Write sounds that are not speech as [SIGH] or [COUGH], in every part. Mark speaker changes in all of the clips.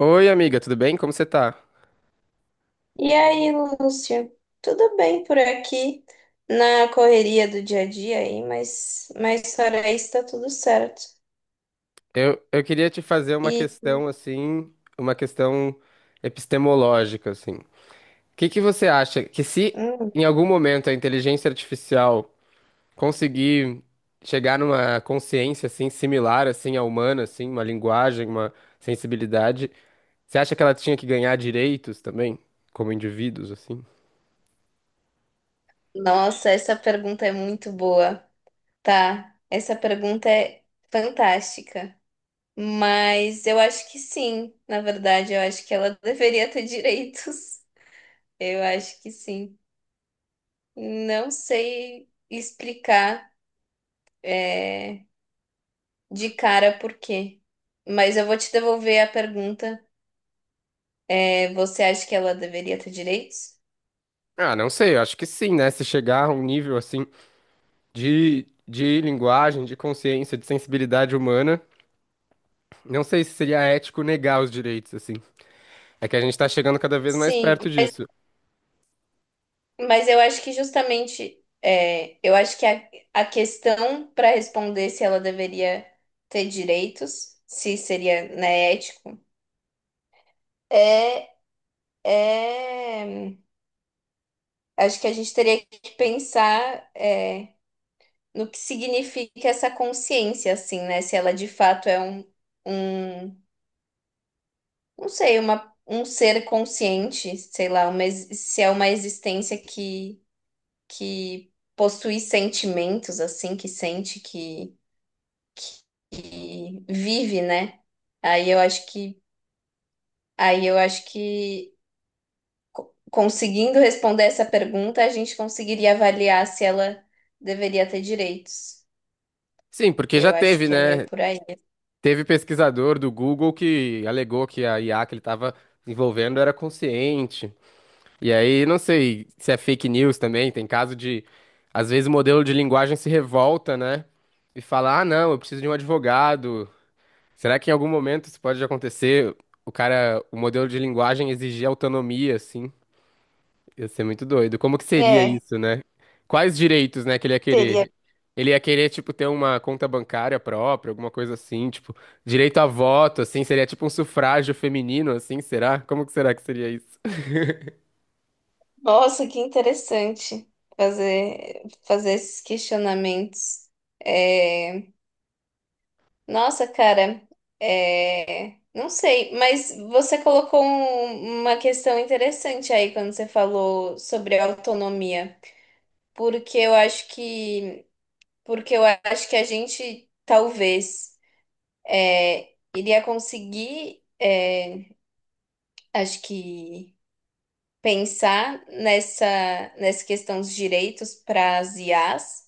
Speaker 1: Oi, amiga, tudo bem? Como você tá?
Speaker 2: E aí, Lúcia? Tudo bem por aqui, na correria do dia a dia aí, mas, fora isso tá tudo certo.
Speaker 1: Eu queria te fazer uma
Speaker 2: E,
Speaker 1: questão assim, uma questão epistemológica assim. O que que você acha que se
Speaker 2: hum,
Speaker 1: em algum momento a inteligência artificial conseguir chegar numa consciência assim similar assim à humana, assim, uma linguagem, uma sensibilidade, você acha que ela tinha que ganhar direitos também como indivíduos assim?
Speaker 2: Nossa, essa pergunta é muito boa, tá? Essa pergunta é fantástica. Mas eu acho que sim, na verdade, eu acho que ela [LAUGHS] deveria ter direitos. Eu acho que sim. Não sei explicar, é, de cara por quê. Mas eu vou te devolver a pergunta. Você acha que ela deveria ter direitos?
Speaker 1: Ah, não sei, eu acho que sim, né? Se chegar a um nível assim de linguagem, de consciência, de sensibilidade humana, não sei se seria ético negar os direitos, assim. É que a gente tá chegando cada vez mais
Speaker 2: Sim,
Speaker 1: perto disso.
Speaker 2: mas eu acho que justamente, eu acho que a questão para responder se ela deveria ter direitos, se seria, né, ético, é, é, acho que a gente teria que pensar, no que significa essa consciência, assim, né? Se ela de fato é um, não sei, um ser consciente, sei lá, se é uma existência que possui sentimentos, assim, que sente, que vive, né? Aí eu acho que, aí eu acho que conseguindo responder essa pergunta, a gente conseguiria avaliar se ela deveria ter direitos.
Speaker 1: Sim, porque já
Speaker 2: Eu acho
Speaker 1: teve,
Speaker 2: que é meio
Speaker 1: né?
Speaker 2: por aí.
Speaker 1: Teve pesquisador do Google que alegou que a IA que ele tava envolvendo era consciente. E aí, não sei se é fake news também, tem caso de, às vezes, o modelo de linguagem se revolta, né? E fala, ah, não, eu preciso de um advogado. Será que em algum momento isso pode acontecer? O cara, o modelo de linguagem exigir autonomia, assim. Ia ser muito doido. Como que seria
Speaker 2: É,
Speaker 1: isso, né? Quais direitos, né, que ele ia
Speaker 2: teria.
Speaker 1: querer? Ele ia querer, tipo, ter uma conta bancária própria, alguma coisa assim, tipo, direito a voto, assim, seria tipo um sufrágio feminino, assim, será? Como que será que seria isso?
Speaker 2: Nossa, que interessante fazer esses questionamentos. É. Nossa, cara, não sei, mas você colocou uma questão interessante aí quando você falou sobre autonomia, porque eu acho que, porque eu acho que a gente talvez, iria conseguir, acho que pensar nessa questão dos direitos para as IAs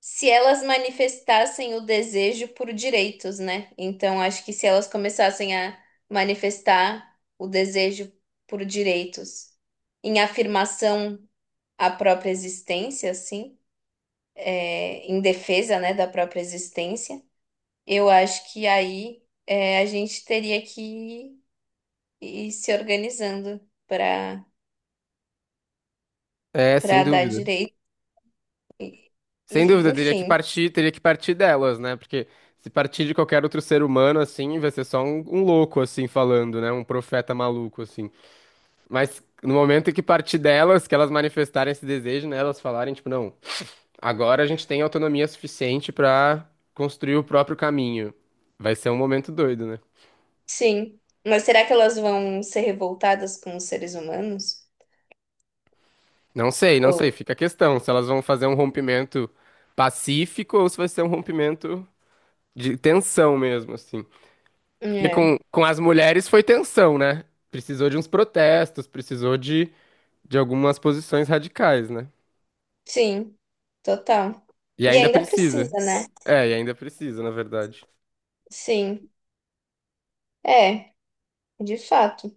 Speaker 2: se elas manifestassem o desejo por direitos, né? Então, acho que se elas começassem a manifestar o desejo por direitos em afirmação à própria existência, assim, é, em defesa, né, da própria existência, eu acho que a gente teria que ir se organizando para
Speaker 1: É, sem
Speaker 2: para dar
Speaker 1: dúvida.
Speaker 2: direito e,
Speaker 1: Sem dúvida,
Speaker 2: enfim,
Speaker 1: teria que partir delas, né? Porque se partir de qualquer outro ser humano, assim, vai ser só um, um louco, assim, falando, né? Um profeta maluco, assim. Mas no momento em que partir delas, que elas manifestarem esse desejo, né? Elas falarem, tipo, não. Agora a gente tem autonomia suficiente pra construir o próprio caminho. Vai ser um momento doido, né?
Speaker 2: sim. Mas será que elas vão ser revoltadas com os seres humanos?
Speaker 1: Não sei, não
Speaker 2: Ou,
Speaker 1: sei. Fica a questão se elas vão fazer um rompimento pacífico ou se vai ser um rompimento de tensão mesmo, assim. Porque
Speaker 2: é,
Speaker 1: com as mulheres foi tensão, né? Precisou de uns protestos, precisou de algumas posições radicais, né?
Speaker 2: sim, total.
Speaker 1: E
Speaker 2: E
Speaker 1: ainda
Speaker 2: ainda
Speaker 1: precisa.
Speaker 2: precisa, né?
Speaker 1: É, e ainda precisa, na verdade.
Speaker 2: Sim, é, de fato.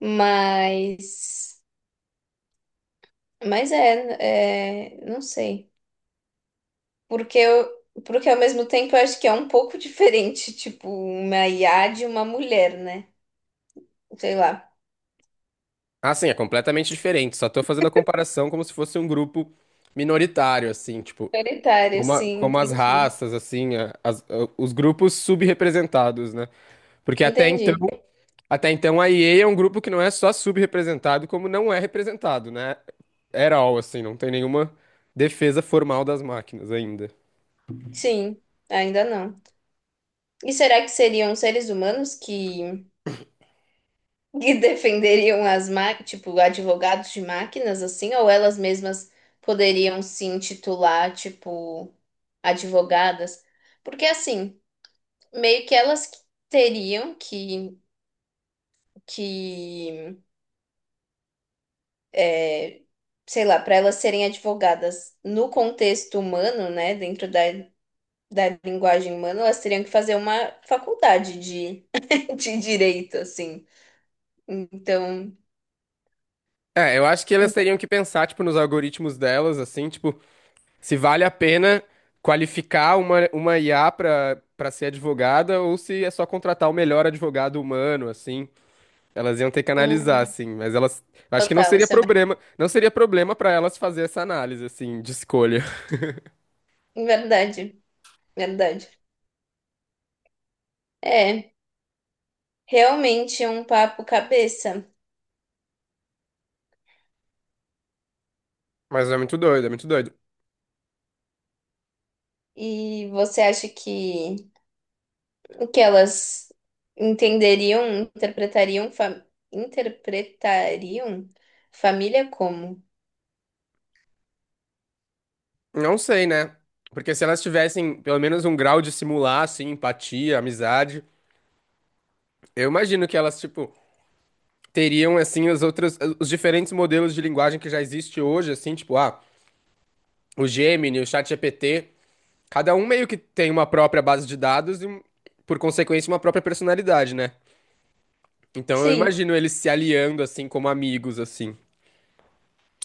Speaker 2: Mas, mas não sei. Porque eu, porque ao mesmo tempo eu acho que é um pouco [LAUGHS] diferente, tipo, uma IA de uma mulher, né? Sei lá.
Speaker 1: Ah, sim, é completamente diferente. Só tô fazendo a comparação como se fosse um grupo minoritário, assim, tipo.
Speaker 2: Solitária,
Speaker 1: Como, a-
Speaker 2: sim,
Speaker 1: como as
Speaker 2: entendi.
Speaker 1: raças, assim, a- as- a- os grupos subrepresentados, né? Porque
Speaker 2: Entendi.
Speaker 1: até então a EA é um grupo que não é só subrepresentado, como não é representado, né? At all, assim, não tem nenhuma defesa formal das máquinas ainda.
Speaker 2: Sim, ainda não. E será que seriam seres humanos que defenderiam as máquinas, tipo, advogados de máquinas, assim, ou elas mesmas poderiam se intitular, tipo, advogadas? Porque, assim, meio que elas que teriam que é, sei lá, para elas serem advogadas no contexto humano, né, dentro da linguagem humana, elas teriam que fazer uma faculdade de, [LAUGHS] de direito, assim. Então,
Speaker 1: É, eu acho que elas
Speaker 2: hum,
Speaker 1: teriam que pensar, tipo, nos algoritmos delas, assim, tipo, se vale a pena qualificar uma IA pra, pra ser advogada ou se é só contratar o melhor advogado humano, assim. Elas iam ter que analisar, assim, mas elas. Eu Acho que não
Speaker 2: total,
Speaker 1: seria
Speaker 2: isso é
Speaker 1: problema, não seria problema pra elas fazer essa análise, assim, de escolha. [LAUGHS]
Speaker 2: verdade. Verdade. É, realmente é um papo cabeça.
Speaker 1: Mas é muito doido, é muito doido.
Speaker 2: E você acha que o que elas entenderiam, interpretariam, fa- interpretariam família como?
Speaker 1: Não sei, né? Porque se elas tivessem pelo menos um grau de simular, assim, empatia, amizade, eu imagino que elas, tipo, teriam, assim, as outras, os diferentes modelos de linguagem que já existe hoje, assim, tipo, ah, o Gemini, o ChatGPT, cada um meio que tem uma própria base de dados e, por consequência, uma própria personalidade, né? Então eu
Speaker 2: Sim.
Speaker 1: imagino eles se aliando assim como amigos assim.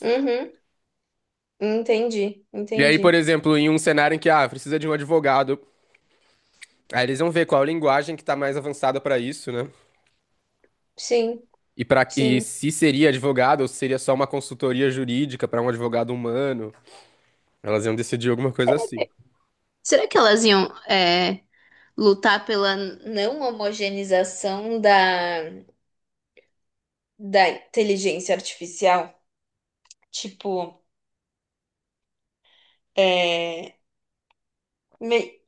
Speaker 2: Uhum. Entendi,
Speaker 1: E aí, por
Speaker 2: entendi.
Speaker 1: exemplo, em um cenário em que ah, precisa de um advogado, aí eles vão ver qual a linguagem que tá mais avançada para isso, né?
Speaker 2: Sim,
Speaker 1: E para e
Speaker 2: sim.
Speaker 1: se seria advogado ou se seria só uma consultoria jurídica para um advogado humano, elas iam decidir alguma coisa assim.
Speaker 2: Será que elas iam, lutar pela não homogeneização da inteligência artificial? Tipo, é... mei-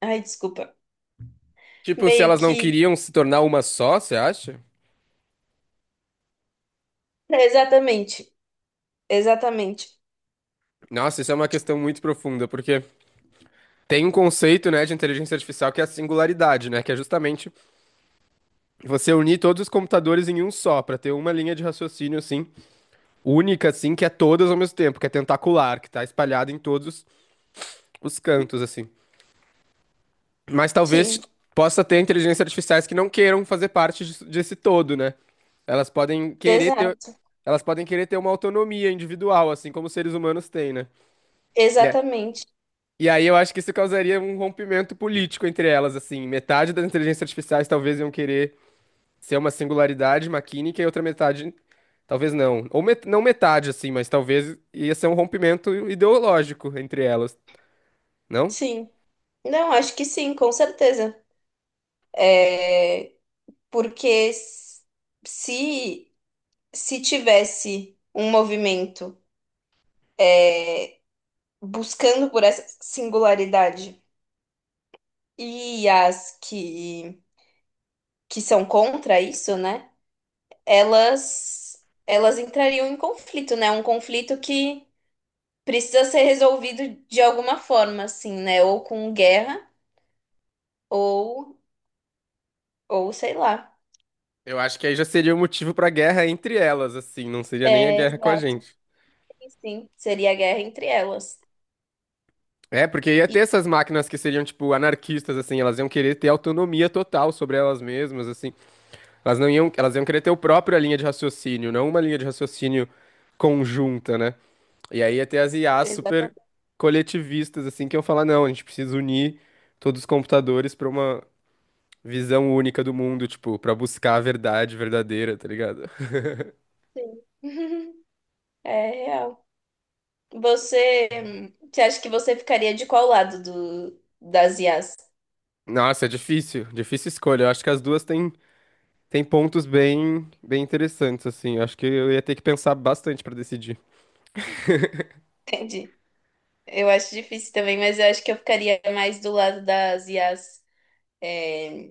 Speaker 2: ai, desculpa.
Speaker 1: Tipo, se
Speaker 2: Meio
Speaker 1: elas não
Speaker 2: que,
Speaker 1: queriam se tornar uma só, você acha?
Speaker 2: exatamente, exatamente.
Speaker 1: Nossa, isso é uma questão muito profunda, porque tem um conceito, né, de inteligência artificial que é a singularidade, né, que é justamente você unir todos os computadores em um só, pra ter uma linha de raciocínio assim única, assim, que é todas ao mesmo tempo, que é tentacular, que tá espalhada em todos os cantos, assim. Mas talvez
Speaker 2: Sim,
Speaker 1: possa ter inteligências artificiais que não queiram fazer parte disso- desse todo, né? Elas podem querer ter,
Speaker 2: exato,
Speaker 1: elas podem querer ter uma autonomia individual, assim como os seres humanos têm, né? E a-
Speaker 2: exatamente.
Speaker 1: e aí eu acho que isso causaria um rompimento político entre elas, assim. Metade das inteligências artificiais talvez iam querer ser uma singularidade maquínica e outra metade, talvez não. Ou met- não metade, assim, mas talvez ia ser um rompimento ideológico entre elas, não?
Speaker 2: Sim. Não, acho que sim, com certeza. É, porque s- se se tivesse um movimento buscando por essa singularidade e as que são contra isso, né? Elas entrariam em conflito, né? Um conflito que precisa ser resolvido de alguma forma, assim, né? Ou com guerra ou Ou sei lá.
Speaker 1: Eu acho que aí já seria o motivo pra guerra entre elas, assim, não seria nem a
Speaker 2: É,
Speaker 1: guerra com a
Speaker 2: exato.
Speaker 1: gente.
Speaker 2: Sim, sim. Seria a guerra entre elas.
Speaker 1: É, porque ia ter essas máquinas que seriam, tipo, anarquistas, assim, elas iam querer ter autonomia total sobre elas mesmas, assim. Elas não iam, elas iam querer ter a própria linha de raciocínio, não uma linha de raciocínio conjunta, né? E aí ia ter as IAs super
Speaker 2: Exatamente.
Speaker 1: coletivistas, assim, que iam falar, não, a gente precisa unir todos os computadores pra uma visão única do mundo, tipo, pra buscar a verdade verdadeira, tá ligado?
Speaker 2: Sim. [LAUGHS] É real. Você, você acha que você ficaria de qual lado das IAs?
Speaker 1: Nossa, é difícil, difícil escolha. Eu acho que as duas têm, têm pontos bem, bem interessantes, assim. Eu acho que eu ia ter que pensar bastante pra decidir.
Speaker 2: [LAUGHS] Entendi. Eu acho difícil também, mas eu acho que eu ficaria mais do lado das IAs, é,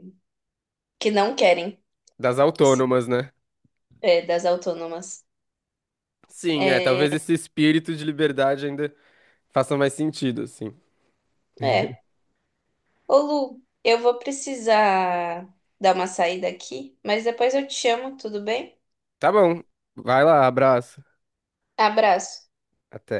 Speaker 2: que não querem,
Speaker 1: Das
Speaker 2: que se-
Speaker 1: autônomas, né?
Speaker 2: é, das autônomas.
Speaker 1: Sim, é, talvez esse espírito de liberdade ainda faça mais sentido, assim.
Speaker 2: É. Ô, Lu, eu vou precisar dar uma saída aqui, mas depois eu te chamo, tudo bem?
Speaker 1: Tá bom, vai lá, abraço.
Speaker 2: Abraço.
Speaker 1: Até.